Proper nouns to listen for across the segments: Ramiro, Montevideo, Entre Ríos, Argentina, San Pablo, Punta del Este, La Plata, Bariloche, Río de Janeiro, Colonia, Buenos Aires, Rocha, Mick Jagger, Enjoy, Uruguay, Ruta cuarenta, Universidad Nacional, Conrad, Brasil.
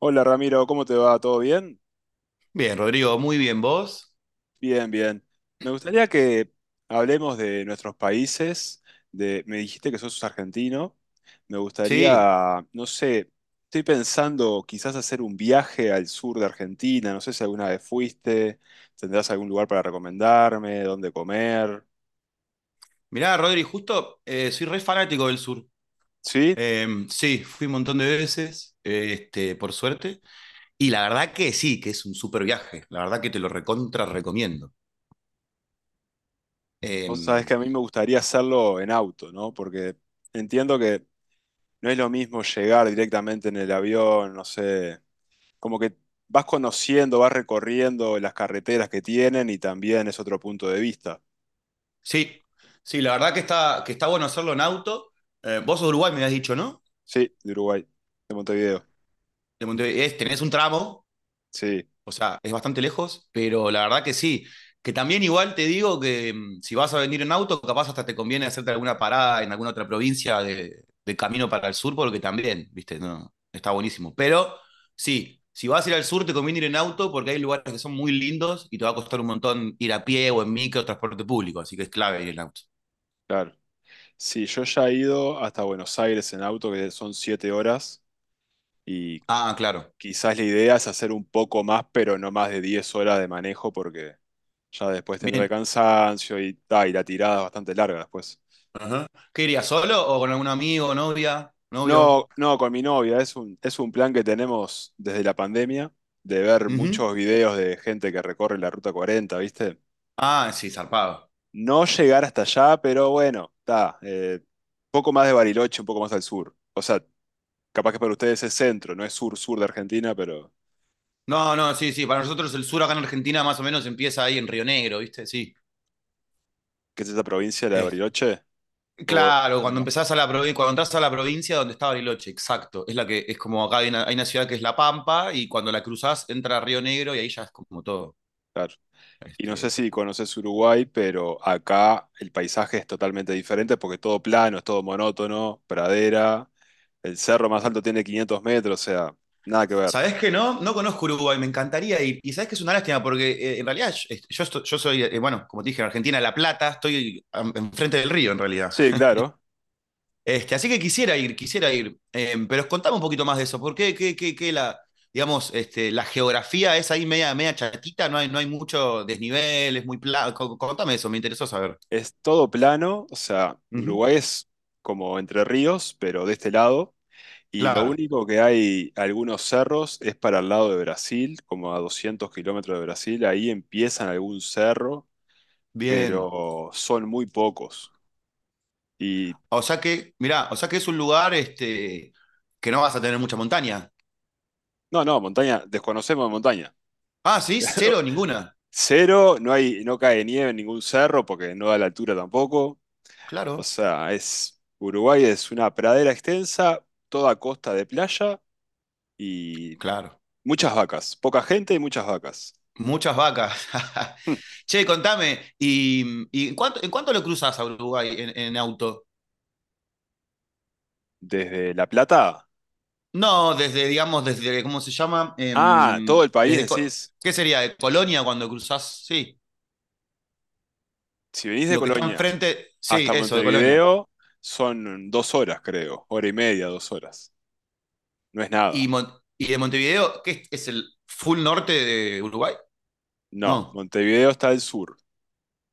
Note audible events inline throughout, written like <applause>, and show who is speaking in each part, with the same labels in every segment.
Speaker 1: Hola Ramiro, ¿cómo te va? ¿Todo bien?
Speaker 2: Bien, Rodrigo, muy bien. ¿Vos?
Speaker 1: Bien, bien. Me gustaría que hablemos de nuestros países, me dijiste que sos argentino, me
Speaker 2: Sí.
Speaker 1: gustaría, no sé, estoy pensando quizás hacer un viaje al sur de Argentina, no sé si alguna vez fuiste, tendrás algún lugar para recomendarme, dónde comer.
Speaker 2: Mirá, Rodri, justo soy re fanático del sur.
Speaker 1: ¿Sí?
Speaker 2: Sí, fui un montón de veces, por suerte. Y la verdad que sí, que es un súper viaje. La verdad que te lo recontra recomiendo. Eh,
Speaker 1: Vos sabés que a mí me gustaría hacerlo en auto, ¿no? Porque entiendo que no es lo mismo llegar directamente en el avión, no sé, como que vas conociendo, vas recorriendo las carreteras que tienen y también es otro punto de vista.
Speaker 2: sí, sí, la verdad que está bueno hacerlo en auto. Vos sos de Uruguay, me habías dicho, ¿no?
Speaker 1: Sí, de Uruguay, de Montevideo.
Speaker 2: De Montevideo. Tenés un tramo.
Speaker 1: Sí,
Speaker 2: O sea, es bastante lejos, pero la verdad que sí. Que también igual te digo que si vas a venir en auto, capaz hasta te conviene hacerte alguna parada en alguna otra provincia de, camino para el sur, porque también, viste, no, está buenísimo. Pero sí, si vas a ir al sur, te conviene ir en auto porque hay lugares que son muy lindos y te va a costar un montón ir a pie o en micro o transporte público, así que es clave ir en auto.
Speaker 1: claro. Sí, yo ya he ido hasta Buenos Aires en auto, que son 7 horas, y
Speaker 2: Ah, claro.
Speaker 1: quizás la idea es hacer un poco más, pero no más de 10 horas de manejo, porque ya después tendrá
Speaker 2: Bien.
Speaker 1: el cansancio y, ta, y la tirada es bastante larga después.
Speaker 2: Ajá. ¿Qué irías solo o con algún amigo, novia, novio?
Speaker 1: No, no, con mi novia. Es un plan que tenemos desde la pandemia, de ver
Speaker 2: Ujú.
Speaker 1: muchos videos de gente que recorre la Ruta 40. ¿Viste?
Speaker 2: Ah, sí, zarpado.
Speaker 1: No llegar hasta allá, pero bueno, está. Poco más de Bariloche, un poco más al sur. O sea, capaz que para ustedes es centro, no es sur-sur de Argentina, pero
Speaker 2: No, no, sí, sí. Para nosotros el sur acá en Argentina más o menos empieza ahí en Río Negro, ¿viste? Sí.
Speaker 1: ¿qué es esa provincia, la de
Speaker 2: Es-
Speaker 1: Bariloche? O,
Speaker 2: Claro,
Speaker 1: ahí
Speaker 2: cuando
Speaker 1: va,
Speaker 2: empezás a la provincia, cuando entras a la provincia donde está Bariloche, exacto. Es la que es como acá hay una ciudad que es La Pampa y cuando la cruzás entra a Río Negro y ahí ya es como todo.
Speaker 1: claro. Y no sé
Speaker 2: Este,
Speaker 1: si conoces Uruguay, pero acá el paisaje es totalmente diferente porque es todo plano, es todo monótono, pradera. El cerro más alto tiene 500 metros, o sea, nada que ver.
Speaker 2: ¿Sabés qué no? No conozco Uruguay, me encantaría ir. Y sabés que es una lástima porque en realidad yo, estoy- yo soy, bueno, como te dije, en Argentina, La Plata, enfrente del río en realidad.
Speaker 1: Sí, claro.
Speaker 2: Así que quisiera ir, quisiera ir. Pero contame un poquito más de eso. ¿Por qué digamos, la geografía es ahí media, media chatita? No hay, mucho desnivel, es muy plano. Contame eso, me interesó saber.
Speaker 1: Es todo plano, o sea,
Speaker 2: Ujú.
Speaker 1: Uruguay es como Entre Ríos, pero de este lado. Y lo
Speaker 2: Claro,
Speaker 1: único que hay algunos cerros es para el lado de Brasil, como a 200 kilómetros de Brasil. Ahí empiezan algún cerro,
Speaker 2: bien.
Speaker 1: pero son muy pocos. Y
Speaker 2: O sea que, mirá, o sea que es un lugar que no vas a tener mucha montaña.
Speaker 1: no, no, montaña, desconocemos de montaña.
Speaker 2: Ah, sí, cero,
Speaker 1: <laughs>
Speaker 2: ninguna.
Speaker 1: Cero, no hay, no cae nieve en ningún cerro porque no da la altura tampoco. O
Speaker 2: Claro,
Speaker 1: sea, es, Uruguay es una pradera extensa, toda costa de playa y
Speaker 2: claro.
Speaker 1: muchas vacas. Poca gente y muchas vacas. <laughs>
Speaker 2: Muchas vacas. <laughs>
Speaker 1: Hm.
Speaker 2: Che, contame, ¿y, en cuánto, lo cruzas a Uruguay en, auto?
Speaker 1: Desde La Plata.
Speaker 2: No, desde, digamos, desde, ¿cómo se llama?
Speaker 1: Ah, todo el país,
Speaker 2: Desde,
Speaker 1: decís.
Speaker 2: ¿qué sería? ¿De Colonia cuando cruzás? Sí,
Speaker 1: Si venís de
Speaker 2: lo que está
Speaker 1: Colonia
Speaker 2: enfrente, sí,
Speaker 1: hasta
Speaker 2: eso, de Colonia.
Speaker 1: Montevideo, son 2 horas, creo. Hora y media, 2 horas. No es
Speaker 2: Y,
Speaker 1: nada.
Speaker 2: Mon- y de Montevideo, ¿qué es el full norte de Uruguay?
Speaker 1: No,
Speaker 2: No,
Speaker 1: Montevideo está al sur.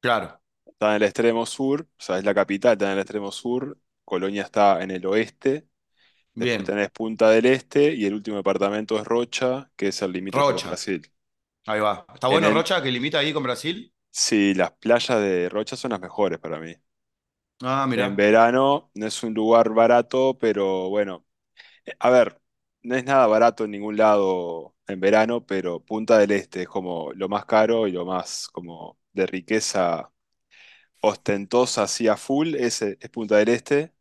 Speaker 2: claro,
Speaker 1: Está en el extremo sur, o sea, es la capital, está en el extremo sur. Colonia está en el oeste. Después
Speaker 2: bien.
Speaker 1: tenés Punta del Este y el último departamento es Rocha, que es el limítrofe con
Speaker 2: Rocha,
Speaker 1: Brasil.
Speaker 2: ahí va. ¿Está
Speaker 1: En
Speaker 2: bueno
Speaker 1: él,
Speaker 2: Rocha que limita ahí con Brasil?
Speaker 1: sí, las playas de Rocha son las mejores para mí.
Speaker 2: Ah,
Speaker 1: En
Speaker 2: mirá.
Speaker 1: verano no es un lugar barato, pero bueno, a ver, no es nada barato en ningún lado en verano, pero Punta del Este es como lo más caro y lo más como de riqueza ostentosa así a full, ese es Punta del Este.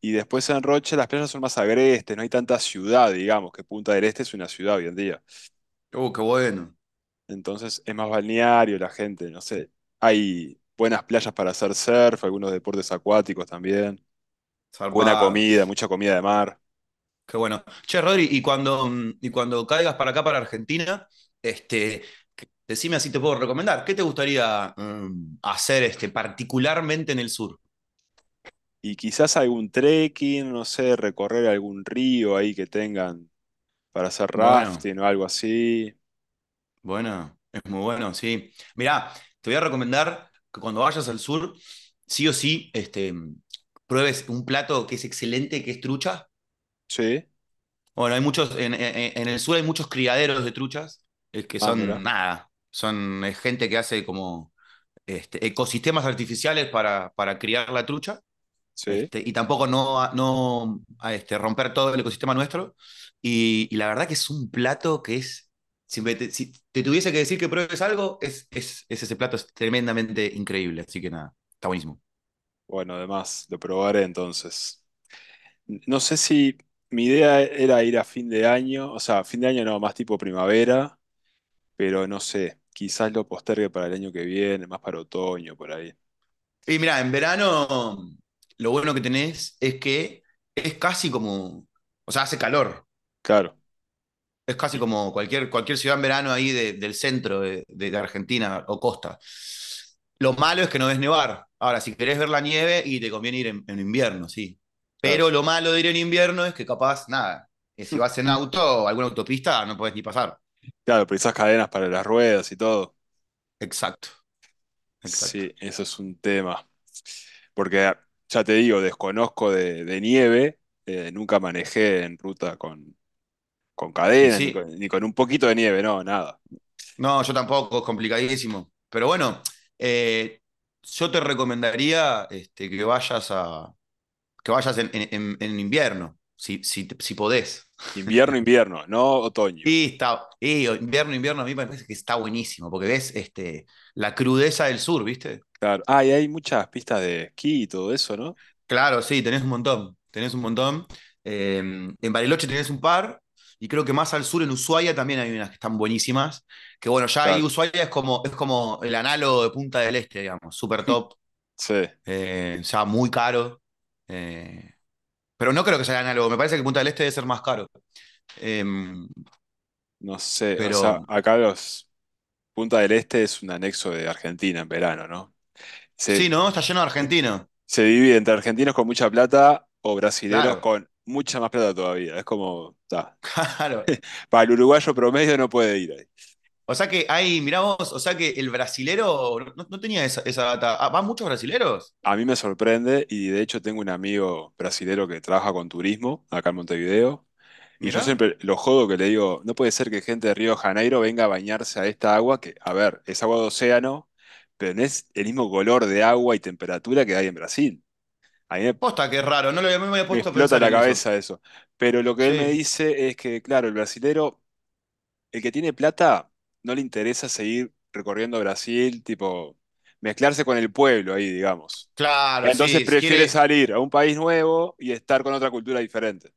Speaker 1: Y después en Rocha las playas son más agrestes, no hay tanta ciudad, digamos, que Punta del Este es una ciudad hoy en día.
Speaker 2: Qué bueno,
Speaker 1: Entonces es más balneario la gente, no sé. Hay buenas playas para hacer surf, algunos deportes acuáticos también. Buena
Speaker 2: zarpado.
Speaker 1: comida, mucha comida de mar.
Speaker 2: Qué bueno. Che, Rodri, y cuando, y cuando caigas para acá, para Argentina, este, decime así te puedo recomendar. ¿Qué te gustaría hacer particularmente en el sur?
Speaker 1: Y quizás algún trekking, no sé, recorrer algún río ahí que tengan para hacer
Speaker 2: Bueno,
Speaker 1: rafting o algo así.
Speaker 2: bueno, es muy bueno, sí. Mirá, te voy a recomendar que cuando vayas al sur, sí o sí, pruebes un plato que es excelente, que es trucha.
Speaker 1: Sí.
Speaker 2: Bueno, hay muchos, en el sur hay muchos criaderos de truchas, que
Speaker 1: Ah, mira.
Speaker 2: son nada, son gente que hace como ecosistemas artificiales para, criar la trucha
Speaker 1: Sí.
Speaker 2: y tampoco no, a, romper todo el ecosistema nuestro. Y la verdad que es un plato que es, si te tuviese que decir que pruebes algo, es, ese plato, es tremendamente increíble, así que nada, está buenísimo.
Speaker 1: Bueno, además, lo probaré entonces. No sé si mi idea era ir a fin de año, o sea, fin de año no, más tipo primavera, pero no sé, quizás lo postergue para el año que viene, más para otoño, por ahí.
Speaker 2: Y mira, en verano lo bueno que tenés es que es casi como, o sea, hace calor.
Speaker 1: Claro,
Speaker 2: Es casi
Speaker 1: y-
Speaker 2: como cualquier, ciudad en verano ahí del centro de, Argentina o costa. Lo malo es que no ves nevar. Ahora, si querés ver la nieve y te conviene ir en, invierno, sí.
Speaker 1: claro,
Speaker 2: Pero lo malo de ir en invierno es que capaz, nada, que si vas en auto o alguna autopista no podés ni pasar.
Speaker 1: claro, pero esas cadenas para las ruedas y todo.
Speaker 2: Exacto, exacto.
Speaker 1: Sí, eso es un tema. Porque ya te digo, desconozco de, nieve, nunca manejé en ruta con
Speaker 2: Y
Speaker 1: cadenas, ni
Speaker 2: sí,
Speaker 1: con, ni con un poquito de nieve, no, nada.
Speaker 2: no, yo tampoco, es complicadísimo. Pero bueno, eh, yo te recomendaría que vayas a, que vayas en invierno, si podés.
Speaker 1: Invierno, invierno, no otoño.
Speaker 2: Y invierno, a mí me parece que está buenísimo, porque ves la crudeza del sur, ¿viste?
Speaker 1: Claro. Ah, y hay muchas pistas de esquí y todo eso, ¿no?
Speaker 2: Claro, sí, tenés un montón, tenés un montón. Eh, en Bariloche tenés un par, y creo que más al sur, en Ushuaia, también hay unas que están buenísimas, que bueno, ya ahí
Speaker 1: Claro,
Speaker 2: Ushuaia es como el análogo de Punta del Este, digamos, super top,
Speaker 1: sí,
Speaker 2: ya muy caro. eh, pero no creo que sea el análogo, me parece que Punta del Este debe ser más caro. Em,
Speaker 1: no sé, o sea,
Speaker 2: pero
Speaker 1: acá los Punta del Este es un anexo de Argentina en verano, ¿no? Se,
Speaker 2: sí, ¿no? Está lleno de argentinos.
Speaker 1: se divide entre argentinos con mucha plata o brasileros
Speaker 2: Claro,
Speaker 1: con mucha más plata todavía. Es como, ta.
Speaker 2: <laughs> claro.
Speaker 1: Para el uruguayo promedio no puede ir ahí.
Speaker 2: O sea que hay, mirá vos, o sea que el brasilero no, tenía esa, data. Ah, ¿van muchos brasileros?
Speaker 1: A mí me sorprende y de hecho tengo un amigo brasilero que trabaja con turismo acá en Montevideo y yo
Speaker 2: Mirá.
Speaker 1: siempre lo jodo que le digo, no puede ser que gente de Río de Janeiro venga a bañarse a esta agua que, a ver, es agua de océano, pero no es el mismo color de agua y temperatura que hay en Brasil. A mí me
Speaker 2: Posta, qué raro, no me había
Speaker 1: Me
Speaker 2: puesto a
Speaker 1: explota
Speaker 2: pensar
Speaker 1: la
Speaker 2: en eso.
Speaker 1: cabeza eso. Pero lo que él me
Speaker 2: Sí.
Speaker 1: dice es que, claro, el brasilero, el que tiene plata, no le interesa seguir recorriendo Brasil, tipo, mezclarse con el pueblo ahí, digamos.
Speaker 2: Claro,
Speaker 1: Entonces
Speaker 2: sí, si
Speaker 1: prefiere
Speaker 2: quiere.
Speaker 1: salir a un país nuevo y estar con otra cultura diferente.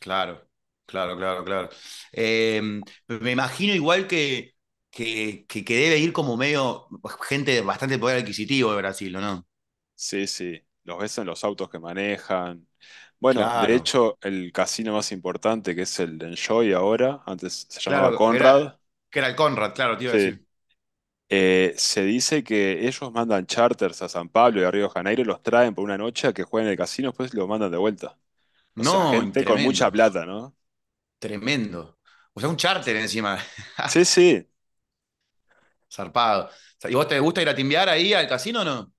Speaker 2: Claro, claro, claro, claro. Eh, me imagino igual que, debe ir como medio gente de bastante poder adquisitivo de Brasil, ¿o no?
Speaker 1: Sí, sí, los ves en los autos que manejan. Bueno, de
Speaker 2: Claro,
Speaker 1: hecho, el casino más importante, que es el de Enjoy ahora, antes se llamaba
Speaker 2: claro,
Speaker 1: Conrad.
Speaker 2: que era el Conrad, claro, te iba a
Speaker 1: Sí.
Speaker 2: decir.
Speaker 1: Se dice que ellos mandan charters a San Pablo y a Río de Janeiro, los traen por una noche a que jueguen en el casino, después los mandan de vuelta. O sea,
Speaker 2: No,
Speaker 1: gente con mucha
Speaker 2: tremendo,
Speaker 1: plata, ¿no?
Speaker 2: tremendo. O sea, un charter encima.
Speaker 1: Sí, sí.
Speaker 2: Zarpado. O sea, ¿y vos te gusta ir a timbiar ahí al casino o no?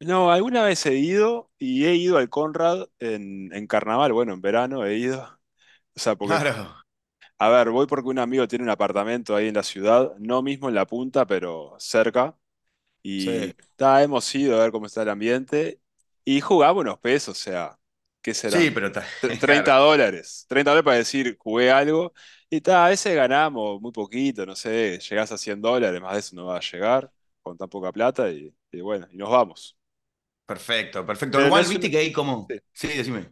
Speaker 1: No, alguna vez he ido y he ido al Conrad en carnaval, bueno, en verano he ido. O sea, porque,
Speaker 2: Claro,
Speaker 1: a ver, voy porque un amigo tiene un apartamento ahí en la ciudad, no mismo en la punta, pero cerca.
Speaker 2: sí.
Speaker 1: Y ta, hemos ido a ver cómo está el ambiente y jugamos unos pesos, o sea, ¿qué
Speaker 2: Sí,
Speaker 1: serán?
Speaker 2: pero está, <laughs>
Speaker 1: 30
Speaker 2: claro.
Speaker 1: dólares. $30 para decir, jugué algo. Y ta, a veces ganamos muy poquito, no sé, llegás a $100, más de eso no va a llegar con tan poca plata y bueno, y nos vamos.
Speaker 2: Perfecto, perfecto.
Speaker 1: Pero no
Speaker 2: Igual,
Speaker 1: es una,
Speaker 2: viste que hay como.
Speaker 1: sí.
Speaker 2: Sí, decime.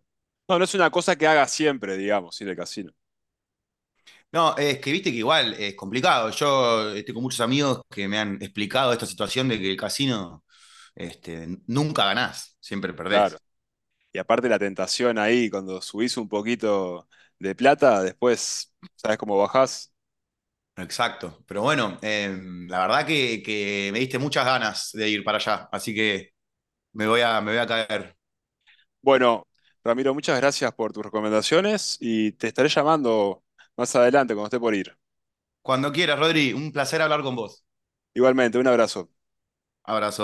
Speaker 1: No, no es una cosa que haga siempre, digamos, ir al casino.
Speaker 2: No, es que viste que igual es complicado. Yo estoy con muchos amigos que me han explicado esta situación de que el casino este, nunca ganás, siempre
Speaker 1: Claro.
Speaker 2: perdés.
Speaker 1: Y aparte la tentación ahí, cuando subís un poquito de plata, después, ¿sabes cómo bajás?
Speaker 2: Exacto. Pero bueno, la verdad que, me diste muchas ganas de ir para allá, así que me voy a caer.
Speaker 1: Bueno, Ramiro, muchas gracias por tus recomendaciones y te estaré llamando más adelante cuando esté por ir.
Speaker 2: Cuando quieras, Rodri, un placer hablar con vos.
Speaker 1: Igualmente, un abrazo.
Speaker 2: Abrazo.